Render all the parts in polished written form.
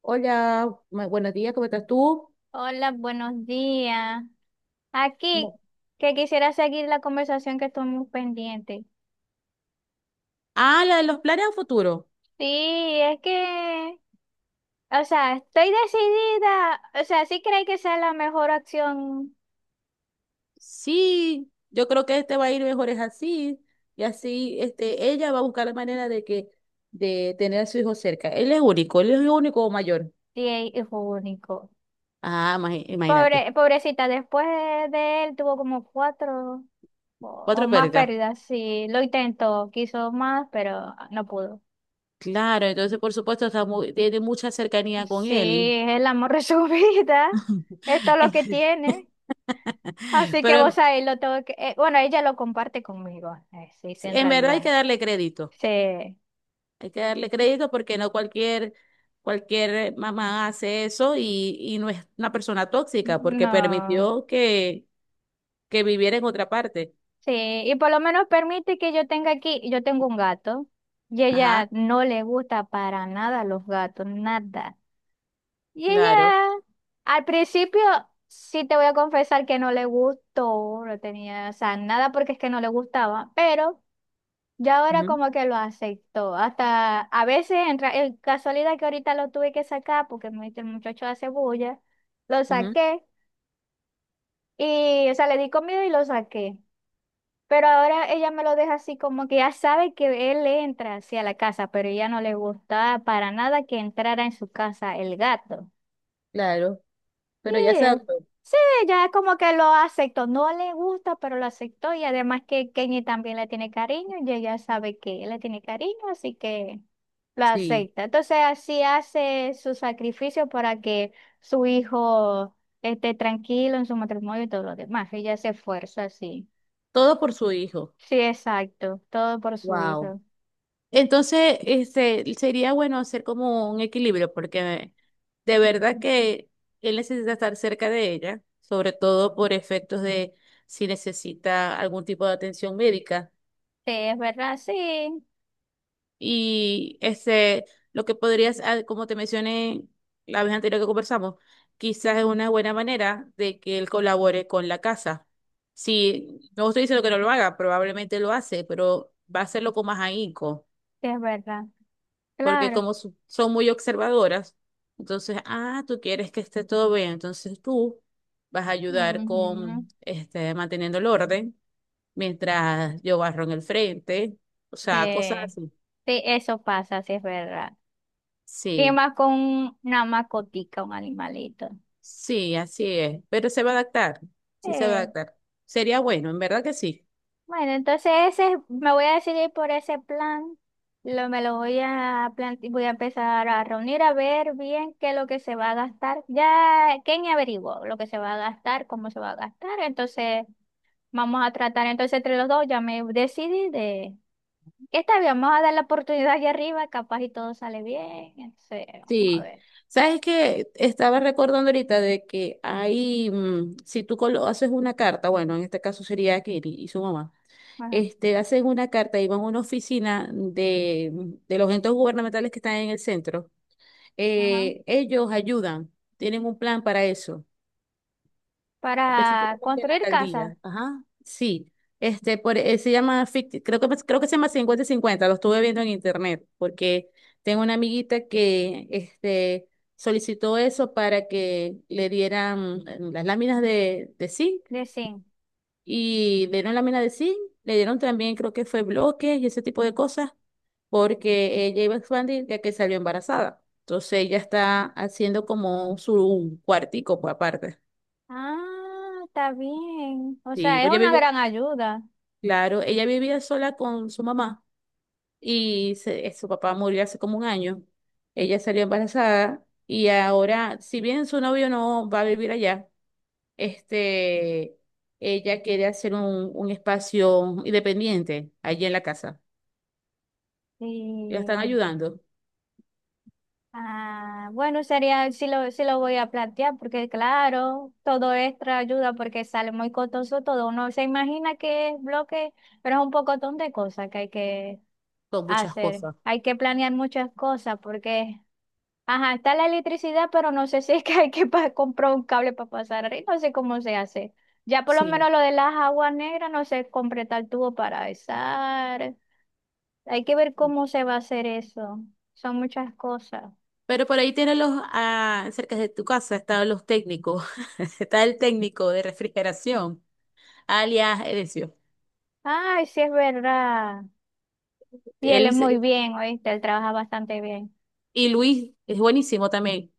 Hola, buenos días, ¿cómo estás tú? Hola, buenos días. Aquí, No. que quisiera seguir la conversación que estamos pendiente. Ah, la de los planes a futuro. Sí, es que, o sea, estoy decidida, o sea, sí creo que sea la mejor opción Sí, yo creo que este va a ir mejor es así. Y así, este, ella va a buscar la manera de que, de tener a su hijo cerca. Él es único, él es el único mayor. de hijo único. Ah, imagínate. Pobre, pobrecita, después de él tuvo como cuatro o Cuatro más pérdidas. pérdidas. Sí, lo intentó, quiso más, pero no pudo. Claro, entonces por supuesto está tiene mucha cercanía con Sí, él. es el amor de su vida. Esto es lo que tiene. Así que Pero vos ahí lo tengo que... bueno, ella lo comparte conmigo, sí, sí, en en verdad hay realidad. que darle crédito. Sí, Hay que darle crédito porque no cualquier, cualquier mamá hace eso y no es una persona tóxica porque no. permitió que viviera en otra parte. Sí, y por lo menos permite que yo tenga aquí, yo tengo un gato y ella Ajá, no le gusta para nada los gatos, nada. Y ella, claro. al principio, sí te voy a confesar que no le gustó, no tenía, o sea, nada porque es que no le gustaba, pero... Ya ahora Ujú, como que lo aceptó. Hasta a veces, en, ra- en casualidad que ahorita lo tuve que sacar porque me- el muchacho hace bulla, lo ujú, saqué y, o sea, le di comida y lo saqué. Pero ahora ella me lo deja así como que ya sabe que él entra hacia la casa, pero ella no le gustaba para nada que entrara en su casa el gato. claro. Sí, Pero ya se adaptó. sí, ya como que lo aceptó. No le gusta, pero lo aceptó. Y además que Kenny también le tiene cariño y ella sabe que él le tiene cariño, así que lo Sí. acepta. Entonces así hace su sacrificio para que su hijo esté tranquilo en su matrimonio y todo lo demás. Ella se esfuerza así. Todo por su hijo. Sí, exacto. Todo por su Wow. hijo. Entonces, este, sería bueno hacer como un equilibrio porque de verdad que él necesita estar cerca de ella, sobre todo por efectos de si necesita algún tipo de atención médica. Sí, es verdad, sí, Y este, lo que podrías, ah, como te mencioné la vez anterior que conversamos, quizás es una buena manera de que él colabore con la casa. Si no estoy diciendo que no lo haga, probablemente lo hace, pero va a hacerlo con más ahínco, sí, es verdad. porque Claro. como son muy observadoras, entonces, ah, tú quieres que esté todo bien, entonces tú vas a ayudar Ujú. con este, manteniendo el orden mientras yo barro en el frente, o sea, cosas Sí, así. sí, eso pasa, sí, es verdad. ¿Qué Sí. más con una macotica, un animalito? Sí, así es, pero se va a adaptar, sí se va a Eh, adaptar. Sería bueno, en verdad que sí. bueno, entonces ese, me voy a decidir por ese plan. Lo, me lo voy a plante- voy a empezar a reunir a ver bien qué es lo que se va a gastar. Ya Kenny averiguó lo que se va a gastar, cómo se va a gastar. Entonces vamos a tratar entonces entre los dos. Ya me decidí de que está bien, vamos a dar la oportunidad allá arriba, capaz y todo sale bien. Entonces, vamos a Sí. ver. ¿Sabes qué? Estaba recordando ahorita de que hay, mm, si tú haces una carta, bueno, en este caso sería Kelly y su mamá, Bueno, este, hacen una carta y van a una oficina de los entes gubernamentales que están en el centro. ajá. Ellos ayudan, tienen un plan para eso. Para Específicamente en la construir casa alcaldía. Ajá. Sí. Este, por, se llama, creo que, pues, creo que se llama 50 cincuenta, lo estuve viendo en internet, porque tengo una amiguita que este, solicitó eso para que le dieran las láminas de zinc, de zinc. y le dieron lámina de zinc, le dieron también, creo que fue bloques y ese tipo de cosas, porque ella iba a expandir ya que salió embarazada. Entonces ella está haciendo como su cuartico por aparte. Ah, está bien. O Sí, sea, es pues, ella una vivía. gran ayuda. Claro, ella vivía sola con su mamá y su papá murió hace como un año. Ella salió embarazada y ahora, si bien su novio no va a vivir allá, este, ella quiere hacer un espacio independiente allí en la casa. La están Y, ayudando ah, bueno, sería, sí lo voy a plantear, porque claro, todo extra ayuda porque sale muy costoso todo. Uno se imagina que es bloque, pero es un pocotón de cosas que hay que con muchas hacer. cosas. Hay que planear muchas cosas porque, ajá, está la electricidad, pero no sé si es que hay que pa- comprar un cable para pasar arriba, no sé cómo se hace. Ya por lo Sí. menos lo de las aguas negras no sé completar el tubo para izar. Hay que ver cómo se va a hacer eso. Son muchas cosas. Pero por ahí tienen los, ah, cerca de tu casa están los técnicos. Está el técnico de refrigeración, alias Edesio. Ay, sí es verdad. Y él es Él. muy bien, ¿oíste? Él trabaja bastante bien. Y Luis es buenísimo también.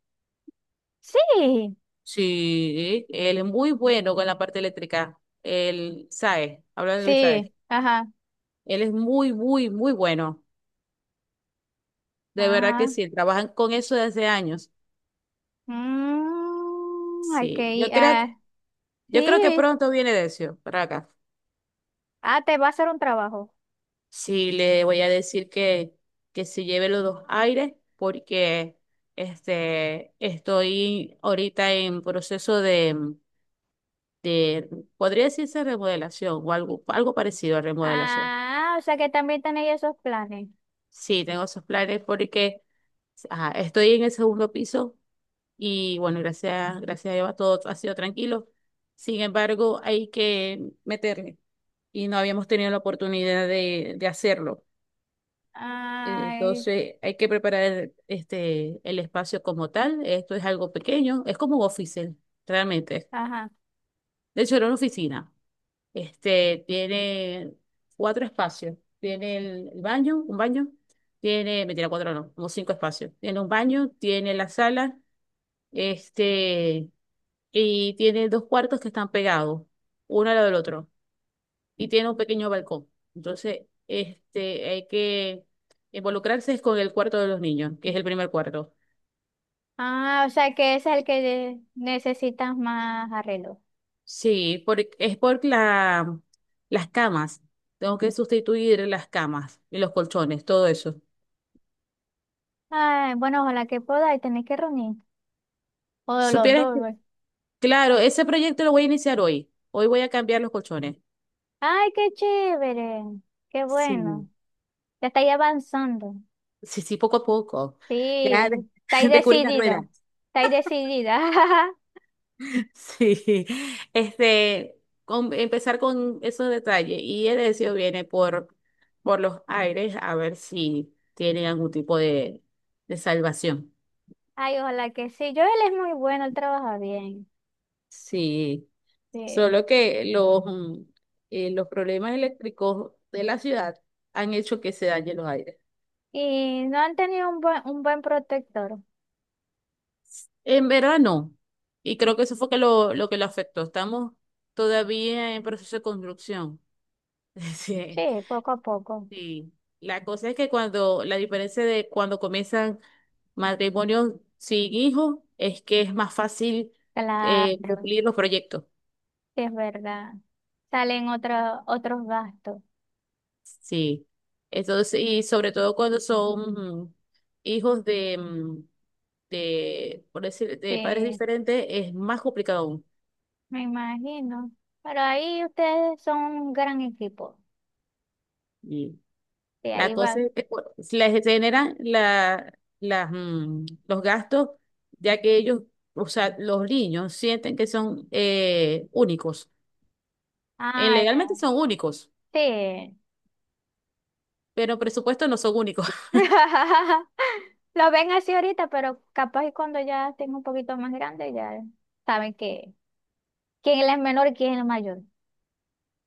Sí, Sí, él es muy bueno con la parte eléctrica. Él sabe, habla de Luis Saez. sí, ajá. Él es muy, muy, muy bueno. De verdad que Ah, sí, trabajan con eso desde años. mm, hay Sí, que ir. Ah, yo creo que sí. pronto viene Decio para acá. Ah, te va a hacer un trabajo. Sí, le voy a decir que se lleve los dos aires porque este, estoy ahorita en proceso de, podría decirse remodelación o algo, algo parecido a remodelación. Ah, o sea que también tenéis esos planes. Sí, tengo esos planes porque ajá, estoy en el segundo piso y bueno, gracias, gracias a Dios todo ha sido tranquilo. Sin embargo, hay que meterle y no habíamos tenido la oportunidad de hacerlo. Ay, Entonces, hay que preparar este, el espacio como tal. Esto es algo pequeño, es como un office, realmente. ajá. De hecho, era una oficina. Este, tiene cuatro espacios. Tiene el baño, un baño. Tiene, mentira, cuatro no, como cinco espacios. Tiene un baño, tiene la sala, este, y tiene dos cuartos que están pegados, uno al lado del otro. Y tiene un pequeño balcón. Entonces, este, hay que involucrarse es con el cuarto de los niños, que es el primer cuarto. Ah, o sea que es el que necesitas más arreglo. Sí, es por la, las camas. Tengo que sustituir las camas y los colchones, todo eso. Ay, bueno, ojalá que podáis, tenéis que reunir. O los ¿Supieras? dos, Claro, ese proyecto lo voy a iniciar hoy. Hoy voy a cambiar los colchones. ay, qué chévere, qué bueno. Sí, Ya estáis avanzando. sí, sí, poco a poco. Ya Sí, estáis descubrí las decidida, ruedas. estáis decidida. Sí, este, empezar con esos detalles. Y el deseo viene por los aires a ver si tiene algún tipo de salvación. Ay, ojalá que sí. Yo él es muy bueno, él trabaja bien. Sí, Sí. solo que los, los problemas eléctricos de la ciudad han hecho que se dañen los aires. Y no han tenido un buen protector. En verano, y creo que eso fue que lo que lo afectó. Estamos todavía en proceso de construcción. Sí, Sí, poco a poco. sí. La cosa es que cuando, la diferencia de cuando comienzan matrimonios sin hijos es que es más fácil Claro, cumplir los proyectos. sí es verdad. Salen otro- otros gastos. Sí. Entonces, y sobre todo cuando son hijos de, de, por decir, de padres Sí, diferentes, es más complicado aún. me imagino. Pero ahí ustedes son un gran equipo. Mm. Sí, La ahí cosa va. es que les generan la, las, los gastos, ya que ellos, o sea, los niños sienten que son únicos. Ah, Legalmente ya. son únicos, Sí. pero en presupuesto no son únicos. Lo ven así ahorita, pero capaz y cuando ya estén un poquito más grandes, ya saben que quién es el menor y quién es el mayor.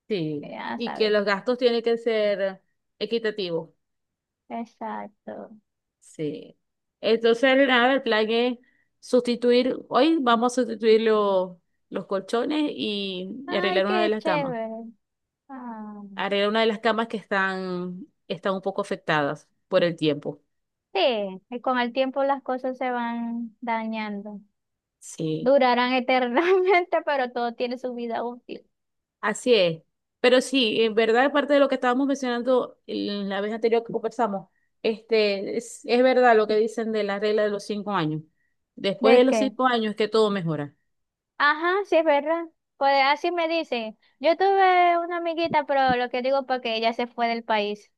Sí, Ya y que saben. los gastos tienen que ser equitativos. Exacto. Sí. Entonces, nada, el plan es sustituir, hoy vamos a sustituir los colchones y Ay, arreglar una de qué las camas. chévere. Ah, Arreglar una de las camas que están, están un poco afectadas por el tiempo. sí, y con el tiempo las cosas se van dañando. Sí, Durarán eternamente, pero todo tiene su vida útil. así es. Pero sí, en verdad, parte de lo que estábamos mencionando en la vez anterior que conversamos, este, es verdad lo que dicen de la regla de los cinco años. Después de ¿De los qué? cinco años es que todo mejora. Ajá, sí es verdad. Pues así me dicen. Yo tuve una amiguita, pero lo que digo porque ella se fue del país.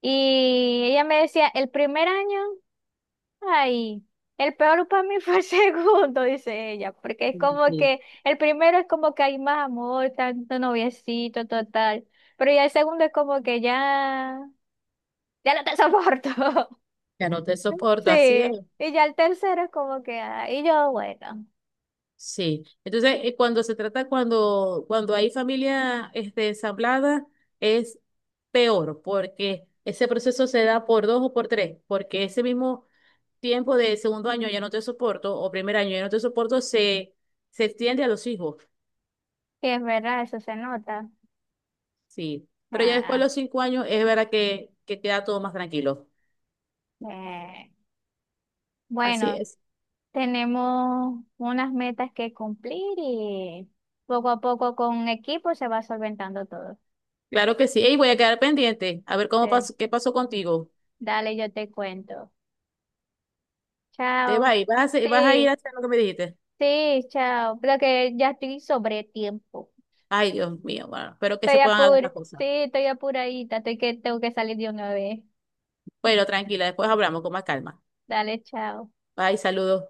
Y ella me decía, el primer año, ay, el peor para mí fue el segundo, dice ella, porque es como Sí. que el primero es como que hay más amor, tanto noviecito, total, pero ya el segundo es como que ya, ya no te soporto. Ya no te soporto, así es. Sí, y ya el tercero es como que, ah, y yo, bueno, Sí, entonces cuando se trata, cuando, cuando hay familia este, ensamblada, es peor porque ese proceso se da por dos o por tres, porque ese mismo tiempo de segundo año ya no te soporto o primer año ya no te soporto se, se extiende a los hijos, sí, es verdad, eso se nota. sí, pero ya después Ah, de los cinco años es verdad que queda todo más tranquilo. eh, Así bueno, es, tenemos unas metas que cumplir y poco a poco con equipo se va solventando todo. claro que sí, y voy a quedar pendiente, a ver cómo Sí. pasó, qué pasó contigo. Dale, yo te cuento. Te Chao. vas, y vas a, vas a ir Sí, a hacer lo que me dijiste. sí, chao. Pero que ya estoy sobre tiempo. Ay, Dios mío, bueno, espero que Estoy se puedan dar apur, las sí, cosas. estoy apuradita. Estoy que tengo que salir de una vez. Bueno, tranquila, después hablamos con más calma. Dale, chao. Bye, saludos.